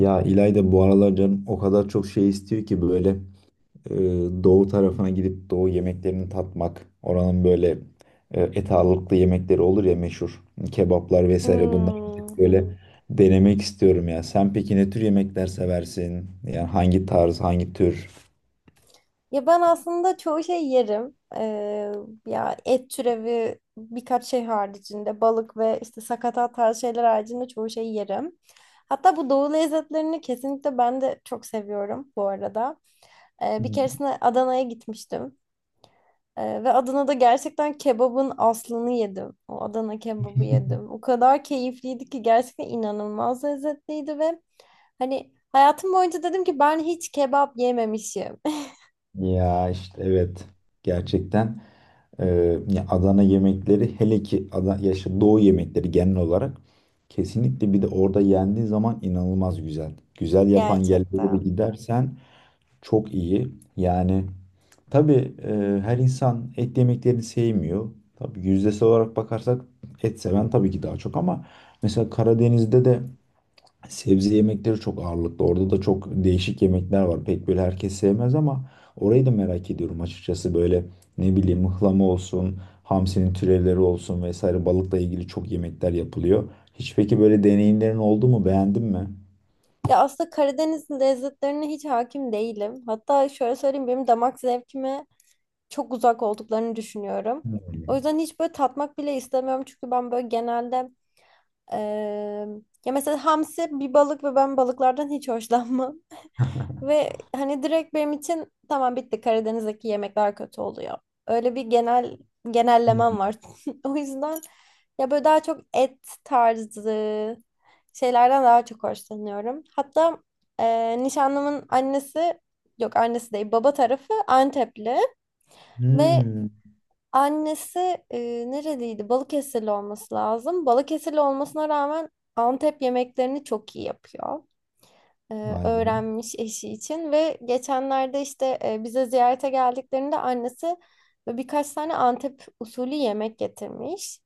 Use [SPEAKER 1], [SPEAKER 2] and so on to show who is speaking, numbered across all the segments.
[SPEAKER 1] Ya İlayda bu aralar canım o kadar çok şey istiyor ki böyle e, doğu tarafına gidip doğu yemeklerini tatmak. Oranın böyle et ağırlıklı yemekleri olur ya meşhur kebaplar vesaire bunları
[SPEAKER 2] Hmm.
[SPEAKER 1] gidip böyle denemek istiyorum ya. Sen peki ne tür yemekler seversin? Yani hangi tarz, hangi tür?
[SPEAKER 2] Ya ben aslında çoğu şey yerim. Ya et türevi birkaç şey haricinde balık ve işte sakatat tarzı şeyler haricinde çoğu şey yerim. Hatta bu doğu lezzetlerini kesinlikle ben de çok seviyorum bu arada. Bir keresinde Adana'ya gitmiştim. Ve Adana'da gerçekten kebabın aslını yedim. O Adana kebabı yedim. O kadar keyifliydi ki gerçekten inanılmaz lezzetliydi ve hani hayatım boyunca dedim ki ben hiç kebap yememişim.
[SPEAKER 1] Ya işte evet gerçekten. Ya Adana yemekleri hele ki Adana, yaşa Doğu yemekleri genel olarak kesinlikle bir de orada yendiği zaman inanılmaz güzel. Güzel yapan yerlere de
[SPEAKER 2] Gerçekten.
[SPEAKER 1] gidersen çok iyi. Yani tabii her insan et yemeklerini sevmiyor. Tabii yüzdesi olarak bakarsak et seven tabii ki daha çok ama mesela Karadeniz'de de sebze yemekleri çok ağırlıklı. Orada da çok değişik yemekler var. Pek böyle herkes sevmez ama orayı da merak ediyorum açıkçası. Böyle ne bileyim mıhlama olsun, hamsinin türevleri olsun vesaire balıkla ilgili çok yemekler yapılıyor. Hiç peki böyle deneyimlerin oldu mu? Beğendin mi?
[SPEAKER 2] Ya aslında Karadeniz lezzetlerine hiç hakim değilim. Hatta şöyle söyleyeyim, benim damak zevkime çok uzak olduklarını düşünüyorum. O
[SPEAKER 1] Hmm.
[SPEAKER 2] yüzden hiç böyle tatmak bile istemiyorum. Çünkü ben böyle genelde eee, ya mesela hamsi bir balık ve ben balıklardan hiç hoşlanmam. Ve hani direkt benim için tamam, bitti, Karadeniz'deki yemekler kötü oluyor. Öyle bir genel genellemem
[SPEAKER 1] Hmm.
[SPEAKER 2] var. O yüzden ya böyle daha çok et tarzı şeylerden daha çok hoşlanıyorum. Hatta nişanlımın annesi, yok annesi değil, baba tarafı Antepli ve
[SPEAKER 1] Hmm.
[SPEAKER 2] annesi e, nereliydi? Balıkesirli olması lazım. Balıkesirli olmasına rağmen Antep yemeklerini çok iyi yapıyor,
[SPEAKER 1] Vay be.
[SPEAKER 2] öğrenmiş eşi için ve geçenlerde işte bize ziyarete geldiklerinde annesi böyle birkaç tane Antep usulü yemek getirmiş.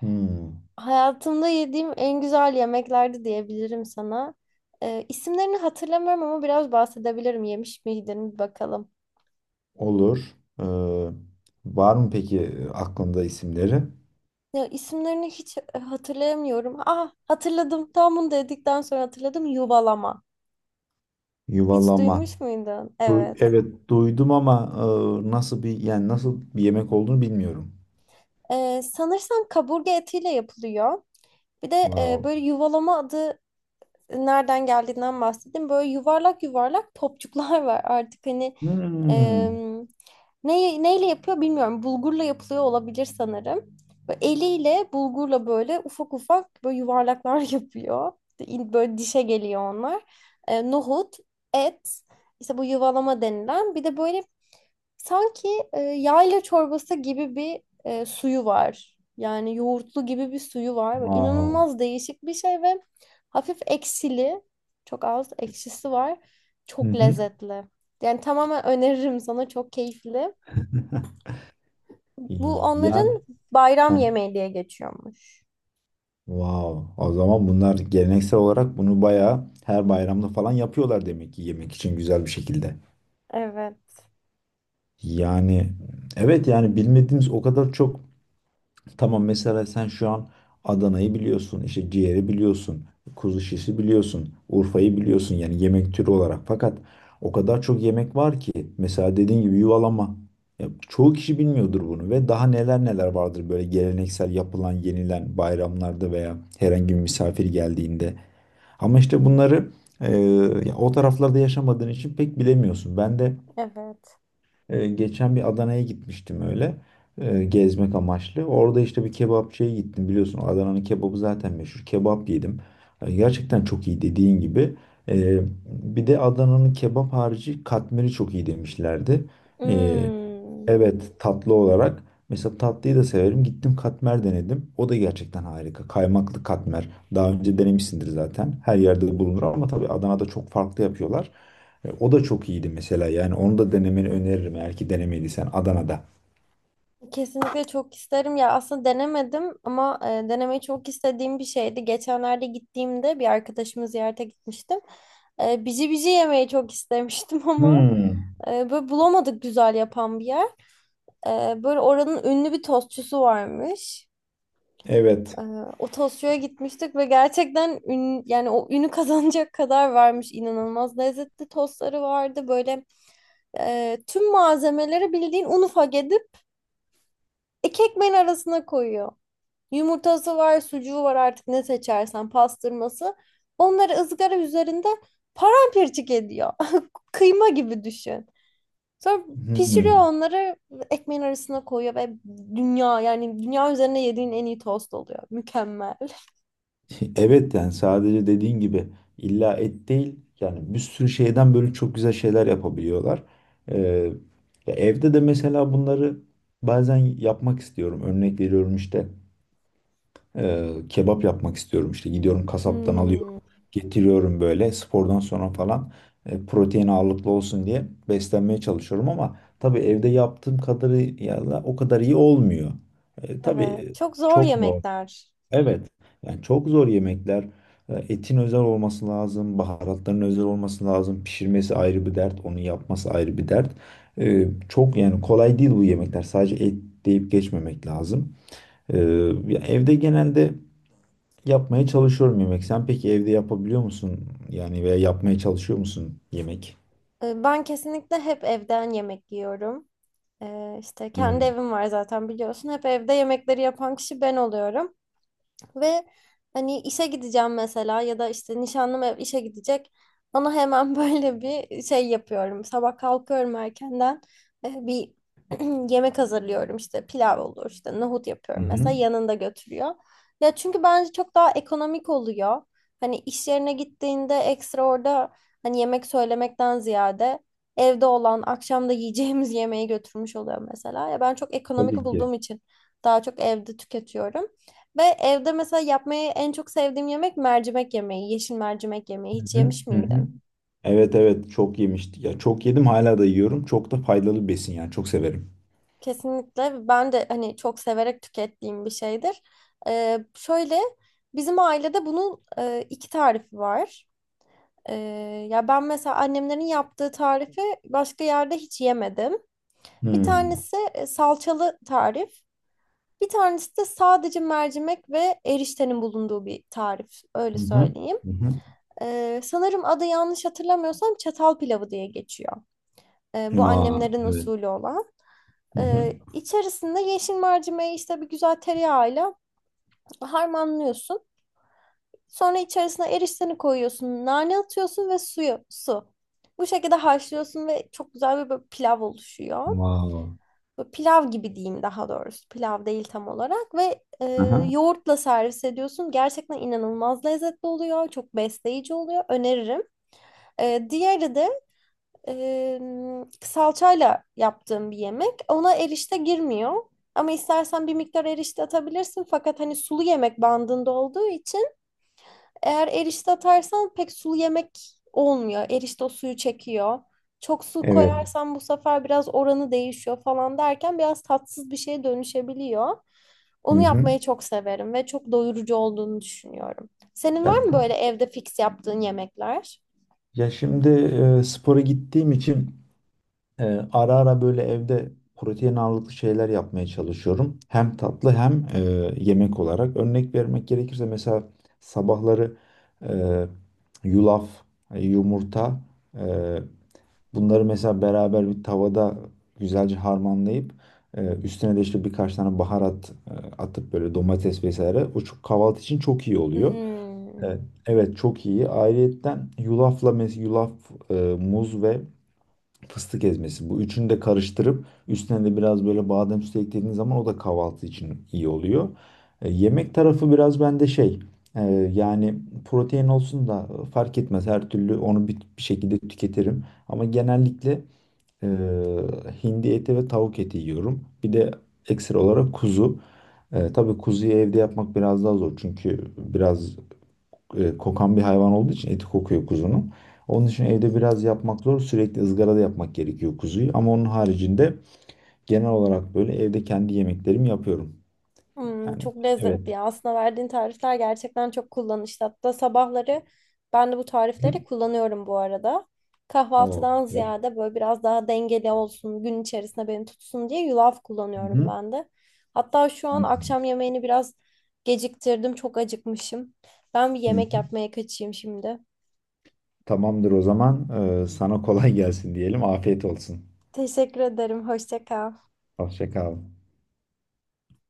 [SPEAKER 1] Hmm.
[SPEAKER 2] Hayatımda yediğim en güzel yemeklerdi diyebilirim sana. İsimlerini hatırlamıyorum ama biraz bahsedebilirim. Yemiş miydin bir bakalım.
[SPEAKER 1] Olur. Ee, var mı peki aklında isimleri?
[SPEAKER 2] Ya isimlerini hiç hatırlayamıyorum. Ah, hatırladım. Tam bunu dedikten sonra hatırladım. Yuvalama. Hiç
[SPEAKER 1] Yuvalama.
[SPEAKER 2] duymuş muydun? Evet.
[SPEAKER 1] Evet duydum ama nasıl bir yani nasıl bir yemek olduğunu bilmiyorum.
[SPEAKER 2] Sanırsam kaburga etiyle yapılıyor. Bir de
[SPEAKER 1] Wow.
[SPEAKER 2] böyle yuvalama adı nereden geldiğinden bahsedeyim. Böyle yuvarlak yuvarlak topçuklar var artık hani,
[SPEAKER 1] Hmm.
[SPEAKER 2] em, neyle yapıyor bilmiyorum. Bulgurla yapılıyor olabilir sanırım. Böyle eliyle bulgurla böyle ufak ufak böyle yuvarlaklar yapıyor. Böyle dişe geliyor onlar. Nohut, et, işte bu yuvalama denilen. Bir de böyle sanki yayla çorbası gibi bir suyu var. Yani yoğurtlu gibi bir suyu var. Böyle
[SPEAKER 1] Wow.
[SPEAKER 2] İnanılmaz değişik bir şey ve hafif ekşili. Çok az ekşisi var.
[SPEAKER 1] Hı
[SPEAKER 2] Çok
[SPEAKER 1] hı.
[SPEAKER 2] lezzetli. Yani tamamen öneririm sana. Çok keyifli. Bu
[SPEAKER 1] Yani
[SPEAKER 2] onların bayram
[SPEAKER 1] heh.
[SPEAKER 2] yemeği diye geçiyormuş.
[SPEAKER 1] Wow. O zaman bunlar geleneksel olarak bunu bayağı her bayramda falan yapıyorlar demek ki yemek için güzel bir şekilde.
[SPEAKER 2] Evet.
[SPEAKER 1] Yani evet, yani bilmediğimiz o kadar çok. Tamam, mesela sen şu an Adana'yı biliyorsun, işte ciğeri biliyorsun, kuzu şişi biliyorsun, Urfa'yı biliyorsun yani yemek türü olarak. Fakat o kadar çok yemek var ki mesela dediğin gibi yuvalama. Ya, çoğu kişi bilmiyordur bunu ve daha neler neler vardır böyle geleneksel yapılan, yenilen bayramlarda veya herhangi bir misafir geldiğinde. Ama işte bunları e, ya o taraflarda yaşamadığın için pek bilemiyorsun. Ben de
[SPEAKER 2] Evet.
[SPEAKER 1] geçen bir Adana'ya gitmiştim öyle. Gezmek amaçlı. Orada işte bir kebapçıya gittim. Biliyorsun Adana'nın kebabı zaten meşhur. Kebap yedim. Gerçekten çok iyi dediğin gibi. E, bir de Adana'nın kebap harici katmeri çok iyi demişlerdi. E,
[SPEAKER 2] Hmm.
[SPEAKER 1] Evet, tatlı olarak. Mesela tatlıyı da severim. Gittim katmer denedim. O da gerçekten harika. Kaymaklı katmer. Daha önce denemişsindir zaten. Her yerde de bulunur ama tabii Adana'da çok farklı yapıyorlar. O da çok iyiydi mesela. Yani onu da denemeni öneririm eğer ki denemediysen Adana'da.
[SPEAKER 2] Kesinlikle çok isterim ya, aslında denemedim ama denemeyi çok istediğim bir şeydi. Geçenlerde gittiğimde bir arkadaşımı ziyarete gitmiştim. Bici bici yemeyi çok istemiştim ama
[SPEAKER 1] Hmm.
[SPEAKER 2] böyle bulamadık güzel yapan bir yer. Böyle oranın ünlü bir tostçusu varmış.
[SPEAKER 1] Evet.
[SPEAKER 2] E, O tostçuya gitmiştik ve gerçekten yani o ünü kazanacak kadar varmış, inanılmaz lezzetli tostları vardı. Böyle tüm malzemeleri bildiğin un ufak edip iki ekmeğin arasına koyuyor. Yumurtası var, sucuğu var, artık ne seçersen, pastırması. Onları ızgara üzerinde paramparçık ediyor. Kıyma gibi düşün. Sonra pişiriyor
[SPEAKER 1] Hmm.
[SPEAKER 2] onları, ekmeğin arasına koyuyor ve dünya, yani dünya üzerine yediğin en iyi tost oluyor. Mükemmel.
[SPEAKER 1] Evet yani sadece dediğin gibi illa et değil yani bir sürü şeyden böyle çok güzel şeyler yapabiliyorlar. Ee, ya evde de mesela bunları bazen yapmak istiyorum. Örnek veriyorum işte kebap yapmak istiyorum işte gidiyorum kasaptan alıyorum
[SPEAKER 2] Hmm,
[SPEAKER 1] getiriyorum böyle spordan sonra falan protein ağırlıklı olsun diye beslenmeye çalışıyorum ama tabii evde yaptığım kadarıyla o kadar iyi olmuyor. E,
[SPEAKER 2] evet.
[SPEAKER 1] tabii
[SPEAKER 2] Çok zor
[SPEAKER 1] çok normal.
[SPEAKER 2] yemekler.
[SPEAKER 1] Evet. Yani çok zor yemekler. Etin özel olması lazım, baharatların özel olması lazım. Pişirmesi ayrı bir dert, onu yapması ayrı bir dert. Çok yani kolay değil bu yemekler. Sadece et deyip geçmemek lazım. E, ya evde genelde yapmaya çalışıyorum yemek. Sen peki evde yapabiliyor musun? Yani veya yapmaya çalışıyor musun yemek?
[SPEAKER 2] Ben kesinlikle hep evden yemek yiyorum. İşte kendi
[SPEAKER 1] Hmm.
[SPEAKER 2] evim var zaten biliyorsun. Hep evde yemekleri yapan kişi ben oluyorum. Ve hani işe gideceğim mesela ya da işte nişanlım ev işe gidecek. Ona hemen böyle bir şey yapıyorum. Sabah kalkıyorum erkenden. Bir yemek hazırlıyorum, işte pilav olur, işte nohut
[SPEAKER 1] Hı
[SPEAKER 2] yapıyorum
[SPEAKER 1] hı.
[SPEAKER 2] mesela, yanında götürüyor. Ya çünkü bence çok daha ekonomik oluyor. Hani iş yerine gittiğinde ekstra orada hani yemek söylemekten ziyade evde olan, akşamda yiyeceğimiz yemeği götürmüş oluyor mesela. Ya ben çok ekonomik
[SPEAKER 1] Tabii ki.
[SPEAKER 2] bulduğum için daha çok evde tüketiyorum. Ve evde mesela yapmayı en çok sevdiğim yemek mercimek yemeği, yeşil mercimek yemeği.
[SPEAKER 1] Hı
[SPEAKER 2] Hiç
[SPEAKER 1] hı.
[SPEAKER 2] yemiş
[SPEAKER 1] Hı hı.
[SPEAKER 2] miydin?
[SPEAKER 1] Evet evet çok yemiştik. Ya çok yedim hala da yiyorum. Çok da faydalı bir besin yani çok severim.
[SPEAKER 2] Kesinlikle ben de hani çok severek tükettiğim bir şeydir. Şöyle, bizim ailede bunun iki tarifi var. Ya ben mesela annemlerin yaptığı tarifi başka yerde hiç yemedim. Bir
[SPEAKER 1] Hmm.
[SPEAKER 2] tanesi salçalı tarif. Bir tanesi de sadece mercimek ve eriştenin bulunduğu bir tarif. Öyle
[SPEAKER 1] Hı hı.
[SPEAKER 2] söyleyeyim.
[SPEAKER 1] Hı hı.
[SPEAKER 2] Sanırım adı, yanlış hatırlamıyorsam, çatal pilavı diye geçiyor. Bu
[SPEAKER 1] Vay,
[SPEAKER 2] annemlerin
[SPEAKER 1] evet.
[SPEAKER 2] usulü olan.
[SPEAKER 1] Hı hı.
[SPEAKER 2] İçerisinde yeşil mercimeği işte bir güzel tereyağıyla harmanlıyorsun. Sonra içerisine erişteni koyuyorsun, nane atıyorsun ve suyu, su. Bu şekilde haşlıyorsun ve çok güzel bir böyle pilav oluşuyor.
[SPEAKER 1] Wow.
[SPEAKER 2] Böyle pilav gibi diyeyim daha doğrusu. Pilav değil tam olarak ve
[SPEAKER 1] Aha,
[SPEAKER 2] yoğurtla servis ediyorsun. Gerçekten inanılmaz lezzetli oluyor. Çok besleyici oluyor. Öneririm. Diğeri de salçayla yaptığım bir yemek. Ona erişte girmiyor. Ama istersen bir miktar erişte atabilirsin. Fakat hani sulu yemek bandında olduğu için eğer erişte atarsan pek sulu yemek olmuyor. Erişte o suyu çekiyor. Çok su
[SPEAKER 1] evet.
[SPEAKER 2] koyarsan bu sefer biraz oranı değişiyor falan derken biraz tatsız bir şeye dönüşebiliyor.
[SPEAKER 1] Hı
[SPEAKER 2] Onu
[SPEAKER 1] hı.
[SPEAKER 2] yapmayı çok severim ve çok doyurucu olduğunu düşünüyorum. Senin var mı böyle
[SPEAKER 1] Yaptım.
[SPEAKER 2] evde fix yaptığın yemekler?
[SPEAKER 1] Ya şimdi spora gittiğim için e, ara ara böyle evde protein ağırlıklı şeyler yapmaya çalışıyorum. Hem tatlı hem yemek olarak. Örnek vermek gerekirse mesela sabahları e, yulaf, yumurta, e, Bunları mesela beraber bir tavada güzelce harmanlayıp üstüne de işte birkaç tane baharat atıp böyle domates vesaire. O çok kahvaltı için çok iyi oluyor.
[SPEAKER 2] Hmm.
[SPEAKER 1] Evet, evet çok iyi. Ayrıyetten yulaf, muz ve fıstık ezmesi. Bu üçünü de karıştırıp üstüne de biraz böyle badem sütü eklediğiniz zaman o da kahvaltı için iyi oluyor. Yemek tarafı biraz bende şey e, yani protein olsun da fark etmez. Her türlü onu bir şekilde tüketirim. Ama genellikle ee, hindi eti ve tavuk eti yiyorum. Bir de ekstra olarak kuzu. Tabii kuzuyu evde yapmak biraz daha zor çünkü biraz kokan bir hayvan olduğu için eti kokuyor kuzunun. Onun için evde biraz yapmak zor. Sürekli ızgarada yapmak gerekiyor kuzuyu. Ama onun haricinde genel olarak böyle evde kendi yemeklerimi yapıyorum.
[SPEAKER 2] Hmm,
[SPEAKER 1] Yani
[SPEAKER 2] çok
[SPEAKER 1] evet.
[SPEAKER 2] lezzetli ya. Aslında verdiğin tarifler gerçekten çok kullanışlı. Hatta sabahları ben de bu
[SPEAKER 1] Hı.
[SPEAKER 2] tarifleri kullanıyorum bu arada.
[SPEAKER 1] O
[SPEAKER 2] Kahvaltıdan
[SPEAKER 1] süper.
[SPEAKER 2] ziyade böyle biraz daha dengeli olsun, gün içerisinde beni tutsun diye yulaf
[SPEAKER 1] Hı
[SPEAKER 2] kullanıyorum
[SPEAKER 1] hı.
[SPEAKER 2] ben de. Hatta şu
[SPEAKER 1] Hı
[SPEAKER 2] an
[SPEAKER 1] hı.
[SPEAKER 2] akşam yemeğini biraz geciktirdim, çok acıkmışım. Ben bir
[SPEAKER 1] Hı
[SPEAKER 2] yemek
[SPEAKER 1] hı.
[SPEAKER 2] yapmaya kaçayım şimdi.
[SPEAKER 1] Tamamdır o zaman. Sana kolay gelsin diyelim. Afiyet olsun.
[SPEAKER 2] Teşekkür ederim. Hoşça kal.
[SPEAKER 1] Hoşça kal.